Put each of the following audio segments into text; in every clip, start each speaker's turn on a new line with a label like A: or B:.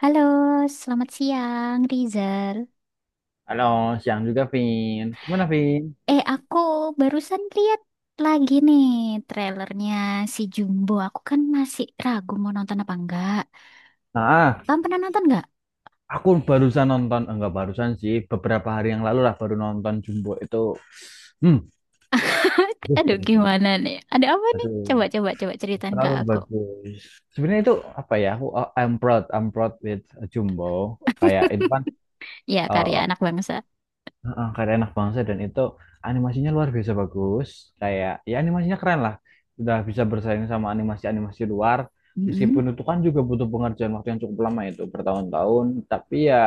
A: Halo, selamat siang Rizal.
B: Halo, siang juga, Vin. Gimana, Vin?
A: Eh, aku barusan lihat lagi nih trailernya si Jumbo. Aku kan masih ragu mau nonton apa enggak.
B: Nah,
A: Kamu pernah nonton enggak?
B: aku barusan nonton, enggak barusan sih, beberapa hari yang lalu lah baru nonton Jumbo itu. Hmm, aduh,
A: Aduh,
B: bagus, bagus.
A: gimana nih? Ada apa nih? Coba,
B: Aduh,
A: coba, coba ceritain ke
B: terlalu
A: aku.
B: bagus. Sebenarnya itu apa ya? Aku I'm proud with Jumbo. Kayak itu kan
A: Ya, karya
B: uh,
A: anak bangsa.
B: karya anak bangsa dan itu animasinya luar biasa bagus. Kayak ya animasinya keren lah. Sudah bisa bersaing sama animasi-animasi luar. Meskipun
A: Mm-mm.
B: itu kan juga butuh pengerjaan waktu yang cukup lama itu bertahun-tahun, tapi ya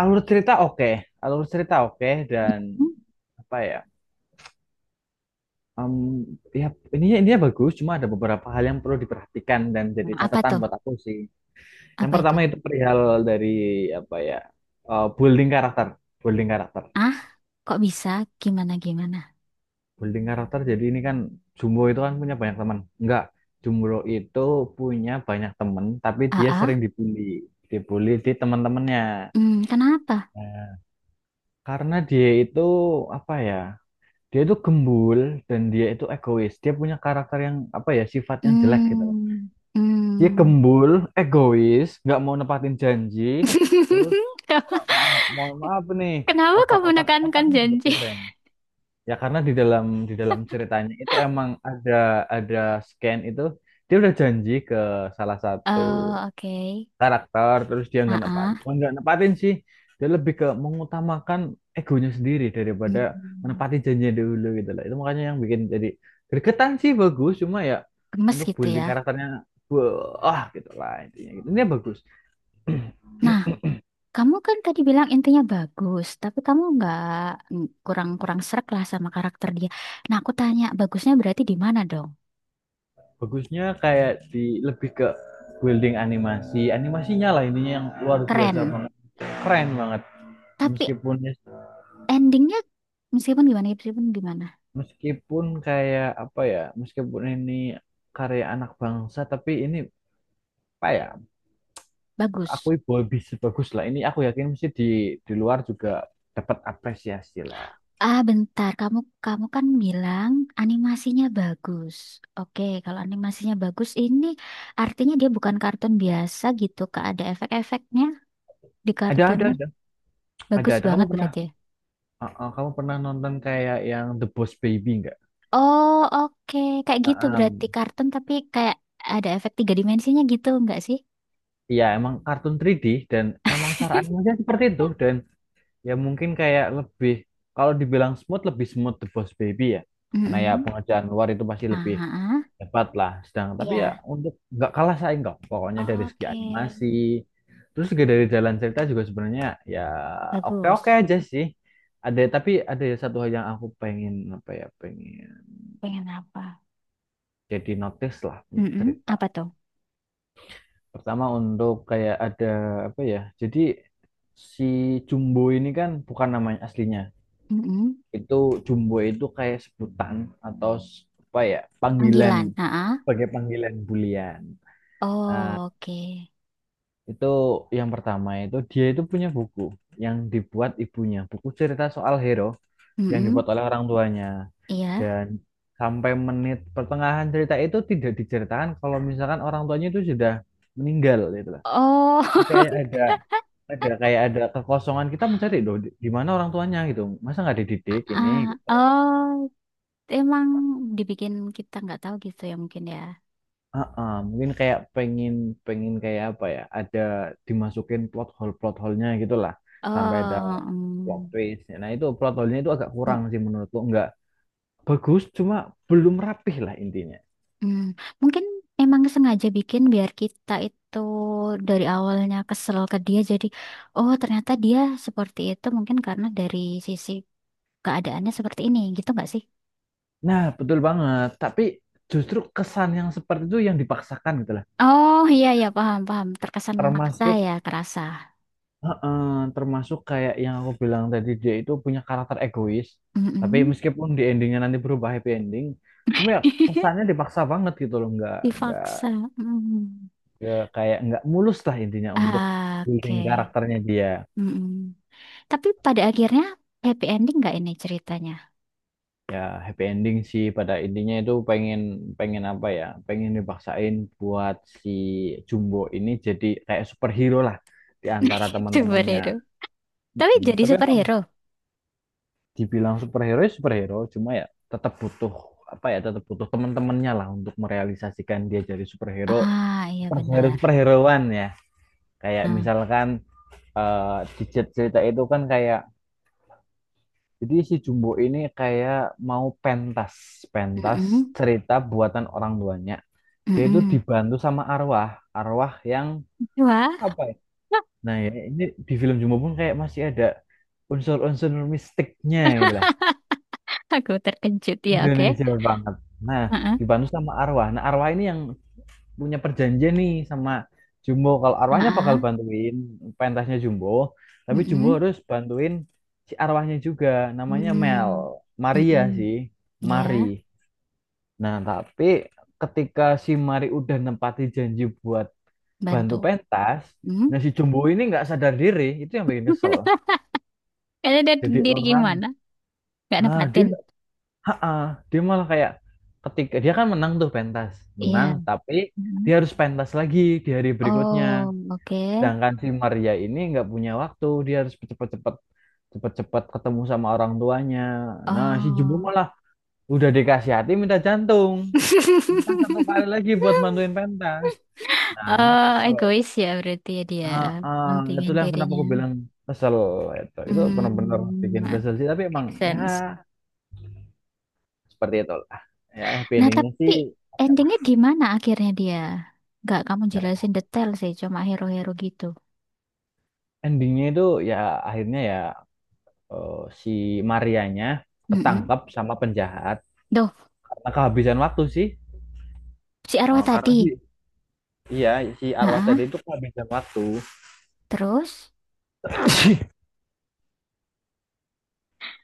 B: alur cerita oke alur cerita oke dan apa ya em, ya ininya bagus, cuma ada beberapa hal yang perlu diperhatikan dan
A: Hmm,
B: jadi
A: apa
B: catatan
A: tuh?
B: buat aku sih. Yang
A: Apa itu?
B: pertama itu perihal dari apa ya, eh, building karakter building karakter
A: Ah, kok bisa? Gimana, gimana?
B: building karakter. Jadi ini kan Jumbo itu kan punya banyak teman, enggak, Jumbo itu punya banyak teman tapi
A: Ah,
B: dia sering
A: ah?
B: dibully dibully di teman-temannya.
A: Hmm, kenapa?
B: Nah, karena dia itu apa ya, dia itu gembul dan dia itu egois. Dia punya karakter yang apa ya, sifatnya jelek gitu loh.
A: Hmm,
B: Dia
A: hmm.
B: gembul, egois, nggak mau nepatin janji, terus maaf, mohon maaf nih,
A: Kenapa kamu menekankan
B: otaknya juga
A: janji?
B: kurang. Ya karena di dalam ceritanya itu emang ada scan itu, dia udah janji ke salah satu
A: Oh, oke.
B: karakter, terus dia
A: Ah,
B: nggak nepatin sih. Dia lebih ke mengutamakan egonya sendiri daripada
A: hmm,
B: menepati janjinya dulu gitu lah. Itu makanya yang bikin jadi gregetan sih, bagus cuma ya
A: gemes
B: untuk
A: gitu ya.
B: building karakternya, wah gitu lah intinya gitu. Ini bagus.
A: Nah, kamu kan tadi bilang intinya bagus, tapi kamu nggak kurang-kurang srek lah sama karakter dia. Nah, aku tanya, bagusnya berarti di mana dong?
B: Bagusnya kayak di, lebih ke building animasinya lah, ininya yang luar biasa
A: Keren.
B: banget, keren banget.
A: Tapi
B: Meskipun ya,
A: endingnya meskipun gimana,
B: meskipun kayak apa ya, meskipun ini karya anak bangsa tapi ini apa ya, aku
A: bagus.
B: boy bagus lah, ini aku yakin mesti di luar juga dapat apresiasi lah.
A: Ah, bentar. Kamu kamu kan bilang animasinya bagus. Oke, kalau animasinya bagus ini artinya dia bukan kartun biasa gitu, Kak. Ada efek-efeknya di
B: Ada, ada,
A: kartunnya.
B: ada, ada,
A: Bagus
B: ada. kamu
A: banget
B: pernah
A: berarti ya.
B: uh, uh, kamu pernah nonton kayak yang The Boss Baby nggak?
A: Oh, oke. Kayak
B: Uh,
A: gitu berarti
B: um,
A: kartun tapi kayak ada efek tiga dimensinya gitu, enggak sih?
B: Iya emang kartun 3D, dan emang secara animasi seperti itu, dan ya mungkin kayak lebih, kalau dibilang smooth, lebih smooth The Boss Baby ya, karena ya
A: Mm-mm.
B: pengerjaan luar itu pasti
A: Nah,
B: lebih
A: ah, ah.
B: dapat lah, sedang. Tapi ya
A: Iya.
B: untuk nggak kalah saing kok, pokoknya dari segi
A: Oke.
B: animasi. Terus juga dari jalan cerita juga sebenarnya ya, oke oke
A: Bagus.
B: aja sih. Ada, tapi ada satu hal yang aku pengen, apa ya, pengen
A: Pengen apa?
B: jadi notice lah untuk
A: Mm-mm.
B: cerita.
A: Apa tuh?
B: Pertama untuk kayak ada apa ya, jadi si Jumbo ini kan bukan namanya aslinya
A: Mm-mm.
B: itu, Jumbo itu kayak sebutan atau apa ya panggilan,
A: Panggilan. Nah, ah.
B: sebagai panggilan bulian. Nah,
A: Oh, oke.
B: itu yang pertama, itu dia itu punya buku yang dibuat ibunya, buku cerita soal hero yang dibuat
A: Mm-mm.
B: oleh orang tuanya.
A: Iya.
B: Dan sampai menit pertengahan cerita itu tidak diceritakan kalau misalkan orang tuanya itu sudah meninggal gitu lah. Jadi
A: Oh,
B: kayak ada kayak ada kekosongan, kita mencari loh di mana orang tuanya gitu. Masa nggak dididik ini
A: ah,
B: gitu?
A: oh, emang dibikin kita nggak tahu gitu ya mungkin ya.
B: Ah mungkin kayak pengen pengen kayak apa ya, ada dimasukin plot hole-nya gitu, sampai ada
A: Oh,
B: plot
A: mm,
B: twist. Nah itu plot hole-nya itu agak
A: mm,
B: kurang sih menurutku, nggak bagus, cuma belum rapih lah intinya.
A: mm. Mungkin emang sengaja bikin biar kita itu dari awalnya kesel ke dia jadi, oh ternyata dia seperti itu mungkin karena dari sisi keadaannya seperti ini gitu nggak sih?
B: Nah betul banget. Tapi justru kesan yang seperti itu yang dipaksakan gitu lah.
A: Oh iya iya paham paham terkesan memaksa
B: Termasuk,
A: ya kerasa.
B: heeh, termasuk kayak yang aku bilang tadi, dia itu punya karakter egois, tapi
A: Mm-mm.
B: meskipun di endingnya nanti berubah happy ending, cuma ya kesannya dipaksa banget gitu loh, nggak
A: Dipaksa. Mm.
B: ya, kayak nggak mulus lah intinya untuk
A: Ah, oke.
B: building karakternya dia.
A: Mm-mm. Tapi pada akhirnya happy ending nggak ini ceritanya?
B: Ya happy ending sih, pada intinya itu pengen, pengen apa ya pengen dipaksain buat si Jumbo ini jadi kayak superhero lah di antara teman-temannya.
A: Superhero. Tapi
B: Mm-mm.
A: jadi
B: Tapi emang
A: superhero.
B: dibilang superhero ya superhero, cuma ya tetap butuh, apa ya, tetap butuh teman-temannya lah untuk merealisasikan dia jadi superhero.
A: Ah, iya
B: Superhero
A: benar.
B: superheroan ya, kayak
A: Ah.
B: misalkan di cerita itu kan kayak. Jadi si Jumbo ini kayak mau pentas
A: Mm-mm.
B: cerita buatan orang tuanya. Dia itu
A: Mm-mm.
B: dibantu sama arwah yang
A: Wah,
B: apa ya? Nah ya ini, di film Jumbo pun kayak masih ada unsur-unsur mistiknya gitu lah.
A: aku terkejut ya, oke.
B: Indonesia banget. Nah,
A: Heeh.
B: dibantu sama arwah. Nah arwah ini yang punya perjanjian nih sama Jumbo. Kalau arwahnya bakal
A: Heeh.
B: bantuin pentasnya Jumbo, tapi Jumbo
A: Mm-mm.
B: harus bantuin si arwahnya juga. Namanya Mel,
A: Mm.
B: Maria
A: Mm-mm.
B: sih,
A: Iya,
B: Mari. Nah, tapi ketika si Mari udah nempati janji buat bantu
A: bantu.
B: pentas,
A: Mm.
B: nah si Jumbo ini nggak sadar diri, itu yang bikin kesel.
A: Karena dia
B: Jadi
A: diri
B: orang,
A: gimana? Gak
B: ah dia,
A: nepatin.
B: nggak- ah, ah. Dia malah kayak, ketika dia kan menang tuh pentas, menang,
A: Iya.
B: tapi
A: Mm.
B: dia harus pentas lagi di hari berikutnya.
A: Oh, oke.
B: Sedangkan si Maria ini nggak punya waktu, dia harus cepet-cepet ketemu sama orang tuanya. Nah, si Jumbo
A: Oh.
B: malah udah dikasih hati minta jantung. Kita satu kali lagi buat manduin pentas. Nah, ini
A: Oh,
B: kesel.
A: egois ya berarti ya dia
B: Ah, ah, itu
A: mementingin
B: yang kenapa
A: dirinya.
B: aku bilang kesel itu. Itu benar-benar
A: Hmm,
B: bikin kesel sih. Tapi emang
A: make
B: ya
A: sense.
B: seperti itu lah. Ya happy
A: Nah,
B: endingnya sih
A: tapi
B: oke lah.
A: endingnya gimana akhirnya dia? Nggak kamu
B: Ya,
A: jelasin detail sih, cuma hero-hero gitu.
B: endingnya itu ya akhirnya ya, eh, si Marianya
A: Mm-mm.
B: ketangkap sama penjahat
A: Duh,
B: karena kehabisan waktu sih.
A: si arwah
B: Karena
A: tadi.
B: sih, iya, si arwah tadi
A: Ah,
B: itu kehabisan waktu.
A: terus?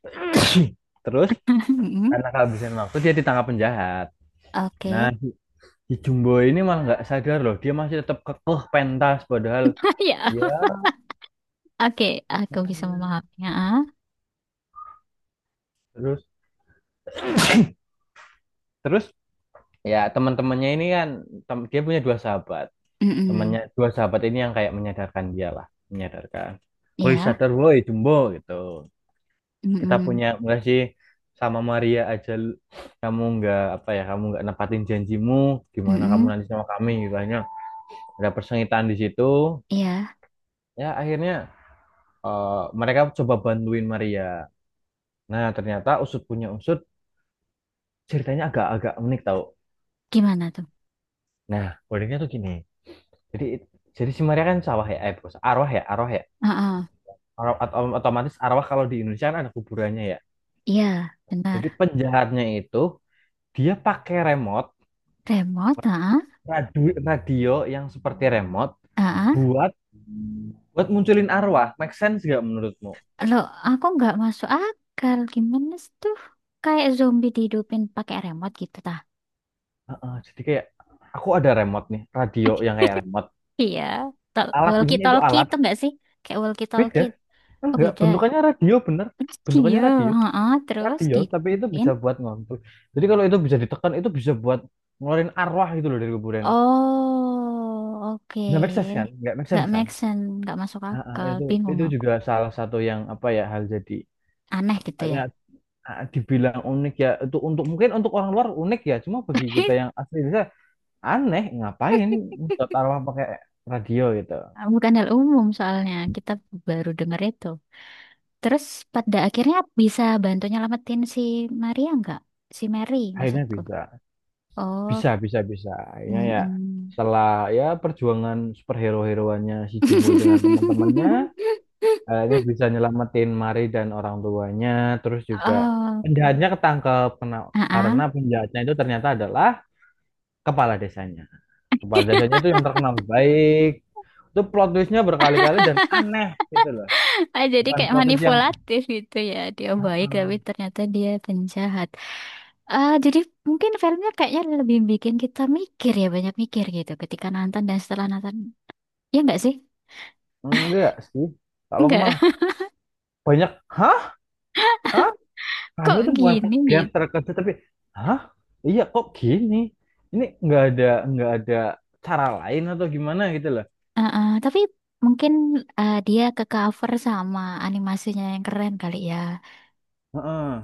B: Terus
A: Mm-mm.
B: karena kehabisan waktu dia ditangkap penjahat. Nah,
A: Oke.
B: si Jumbo ini malah nggak sadar loh, dia masih tetap kekeh pentas padahal, ya
A: Ya, oke, aku bisa
B: makanya.
A: memahaminya. Ah,
B: Terus terus ya teman-temannya ini kan, dia punya dua sahabat.
A: mm-mm.
B: Temannya dua sahabat ini yang kayak menyadarkan dia lah, menyadarkan. Woi
A: Ya,
B: sadar, woi Jumbo, gitu. Kita
A: mm-mm.
B: punya enggak sih sama Maria aja, kamu nggak, apa ya, kamu nggak nepatin janjimu, gimana kamu
A: Mm-mm.
B: nanti sama kami gitu. Akhirnya ada persengitan di situ.
A: Ya,
B: Ya akhirnya, eh, mereka coba bantuin Maria. Nah, ternyata usut punya usut, ceritanya agak-agak unik tau.
A: gimana tuh?
B: Nah, uniknya tuh gini. Jadi jadi si Maria kan sawah ya, eh, bukan, arwah ya, arwah ya.
A: Ah, ah.
B: Otomatis arwah, kalau di Indonesia kan ada kuburannya ya.
A: Iya, benar.
B: Jadi penjahatnya itu dia pakai remote,
A: Remote, ah,
B: radio, radio yang seperti remote,
A: ah.
B: buat buat munculin arwah. Make sense gak menurutmu?
A: Loh, aku nggak masuk akal. Gimana sih tuh? Kayak zombie dihidupin pakai remote gitu, tah?
B: Heeh, jadi kayak aku ada remote nih, radio yang kayak remote.
A: Iya. Tol-
B: Alat ini itu
A: walkie-talkie
B: alat
A: itu nggak sih? Kayak
B: beda.
A: walkie-talkie. Oh,
B: Enggak,
A: beda.
B: bentukannya radio bener. Bentukannya
A: Iya,
B: radio.
A: heeh, terus
B: Radio tapi itu
A: dihidupin.
B: bisa buat ngontrol, jadi kalau itu bisa ditekan itu bisa buat ngeluarin arwah gitu loh dari kuburan.
A: Oh,
B: Nggak make sense kan,
A: oke.
B: nggak make
A: Nggak
B: sense kan.
A: make sense, nggak masuk
B: Ah, ah,
A: akal.
B: itu
A: Bingung
B: itu
A: aku.
B: juga salah satu yang apa ya, hal jadi
A: Aneh
B: apa
A: gitu
B: ya,
A: ya.
B: dibilang unik ya itu, untuk mungkin untuk orang luar unik ya, cuma bagi kita yang asli bisa aneh, ngapain buat arwah pakai radio gitu.
A: Bukan hal umum soalnya. Kita baru dengar itu. Terus pada akhirnya bisa bantu nyelamatin si Maria nggak? Si Mary
B: Akhirnya
A: maksudku.
B: bisa,
A: Oh,
B: bisa, bisa, bisa akhirnya ya,
A: mm-mm.
B: setelah ya perjuangan superhero-heroannya si Jumbo dengan teman-temannya. Kayaknya bisa nyelamatin Mari dan orang tuanya. Terus juga penjahatnya
A: Oke.
B: ketangkep,
A: Ah, ah.
B: karena penjahatnya itu ternyata adalah kepala desanya. Kepala desanya itu yang terkenal baik. Itu plot twistnya berkali-kali dan aneh gitu loh.
A: Jadi
B: Bukan
A: kayak
B: plot twist yang
A: manipulatif gitu ya. Dia
B: "Ah,
A: baik tapi
B: ah."
A: ternyata dia penjahat. Ah, jadi mungkin filmnya kayaknya lebih bikin kita mikir ya, banyak mikir gitu ketika nonton dan setelah nonton. Ya enggak sih?
B: Enggak sih. Kalau aku
A: Enggak.
B: malah banyak, hah? Hah? Kayaknya
A: Kok
B: itu bukan
A: gini
B: kaget
A: gitu.
B: terkejut, tapi hah? Iya kok gini? Ini nggak ada cara lain atau gimana gitu loh.
A: Ah, ah. Tapi mungkin ah, dia ke cover sama animasinya yang keren kali ya.
B: Heeh.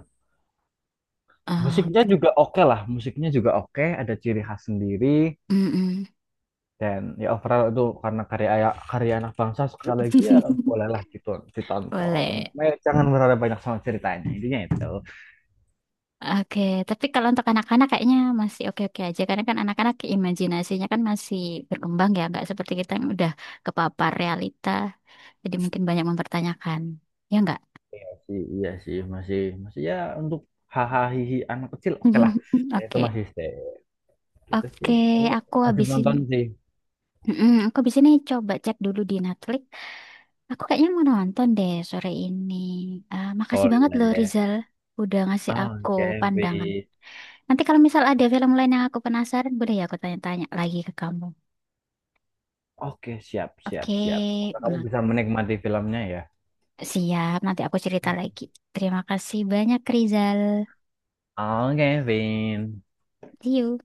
A: Ah,
B: Musiknya juga oke lah, musiknya juga oke, ada ciri khas sendiri,
A: mm-mm.
B: dan ya overall itu, karena karya karya anak bangsa sekali lagi ya, bolehlah gitu ditonton.
A: Boleh.
B: Eh, jangan berharap banyak sama ceritanya, intinya itu.
A: Oke, tapi kalau untuk anak-anak kayaknya masih oke-oke aja karena kan anak-anak imajinasinya kan masih berkembang ya, nggak seperti kita yang udah kepapar realita, jadi mungkin banyak mempertanyakan, ya nggak?
B: Masih, iya sih, masih masih ya untuk hahaha hihi anak kecil oke lah. Ya, itu
A: Oke,
B: masih stay gitu sih.
A: oke,
B: Kamu
A: aku
B: wajib
A: habisin.
B: nonton sih.
A: Mm, aku habis ini coba cek dulu di Netflix. Aku kayaknya mau nonton deh sore ini. Ah, makasih banget loh
B: Boleh.
A: Rizal, udah ngasih aku
B: Oke,
A: pandangan.
B: Vin.
A: Nanti kalau misal ada film lain yang aku penasaran, boleh ya aku tanya-tanya lagi ke kamu.
B: Oke, siap, siap,
A: Oke,
B: siap. Semoga kamu
A: mm.
B: bisa menikmati filmnya ya.
A: Siap, nanti aku cerita lagi. Terima kasih banyak, Rizal.
B: Oke, Vin.
A: See you.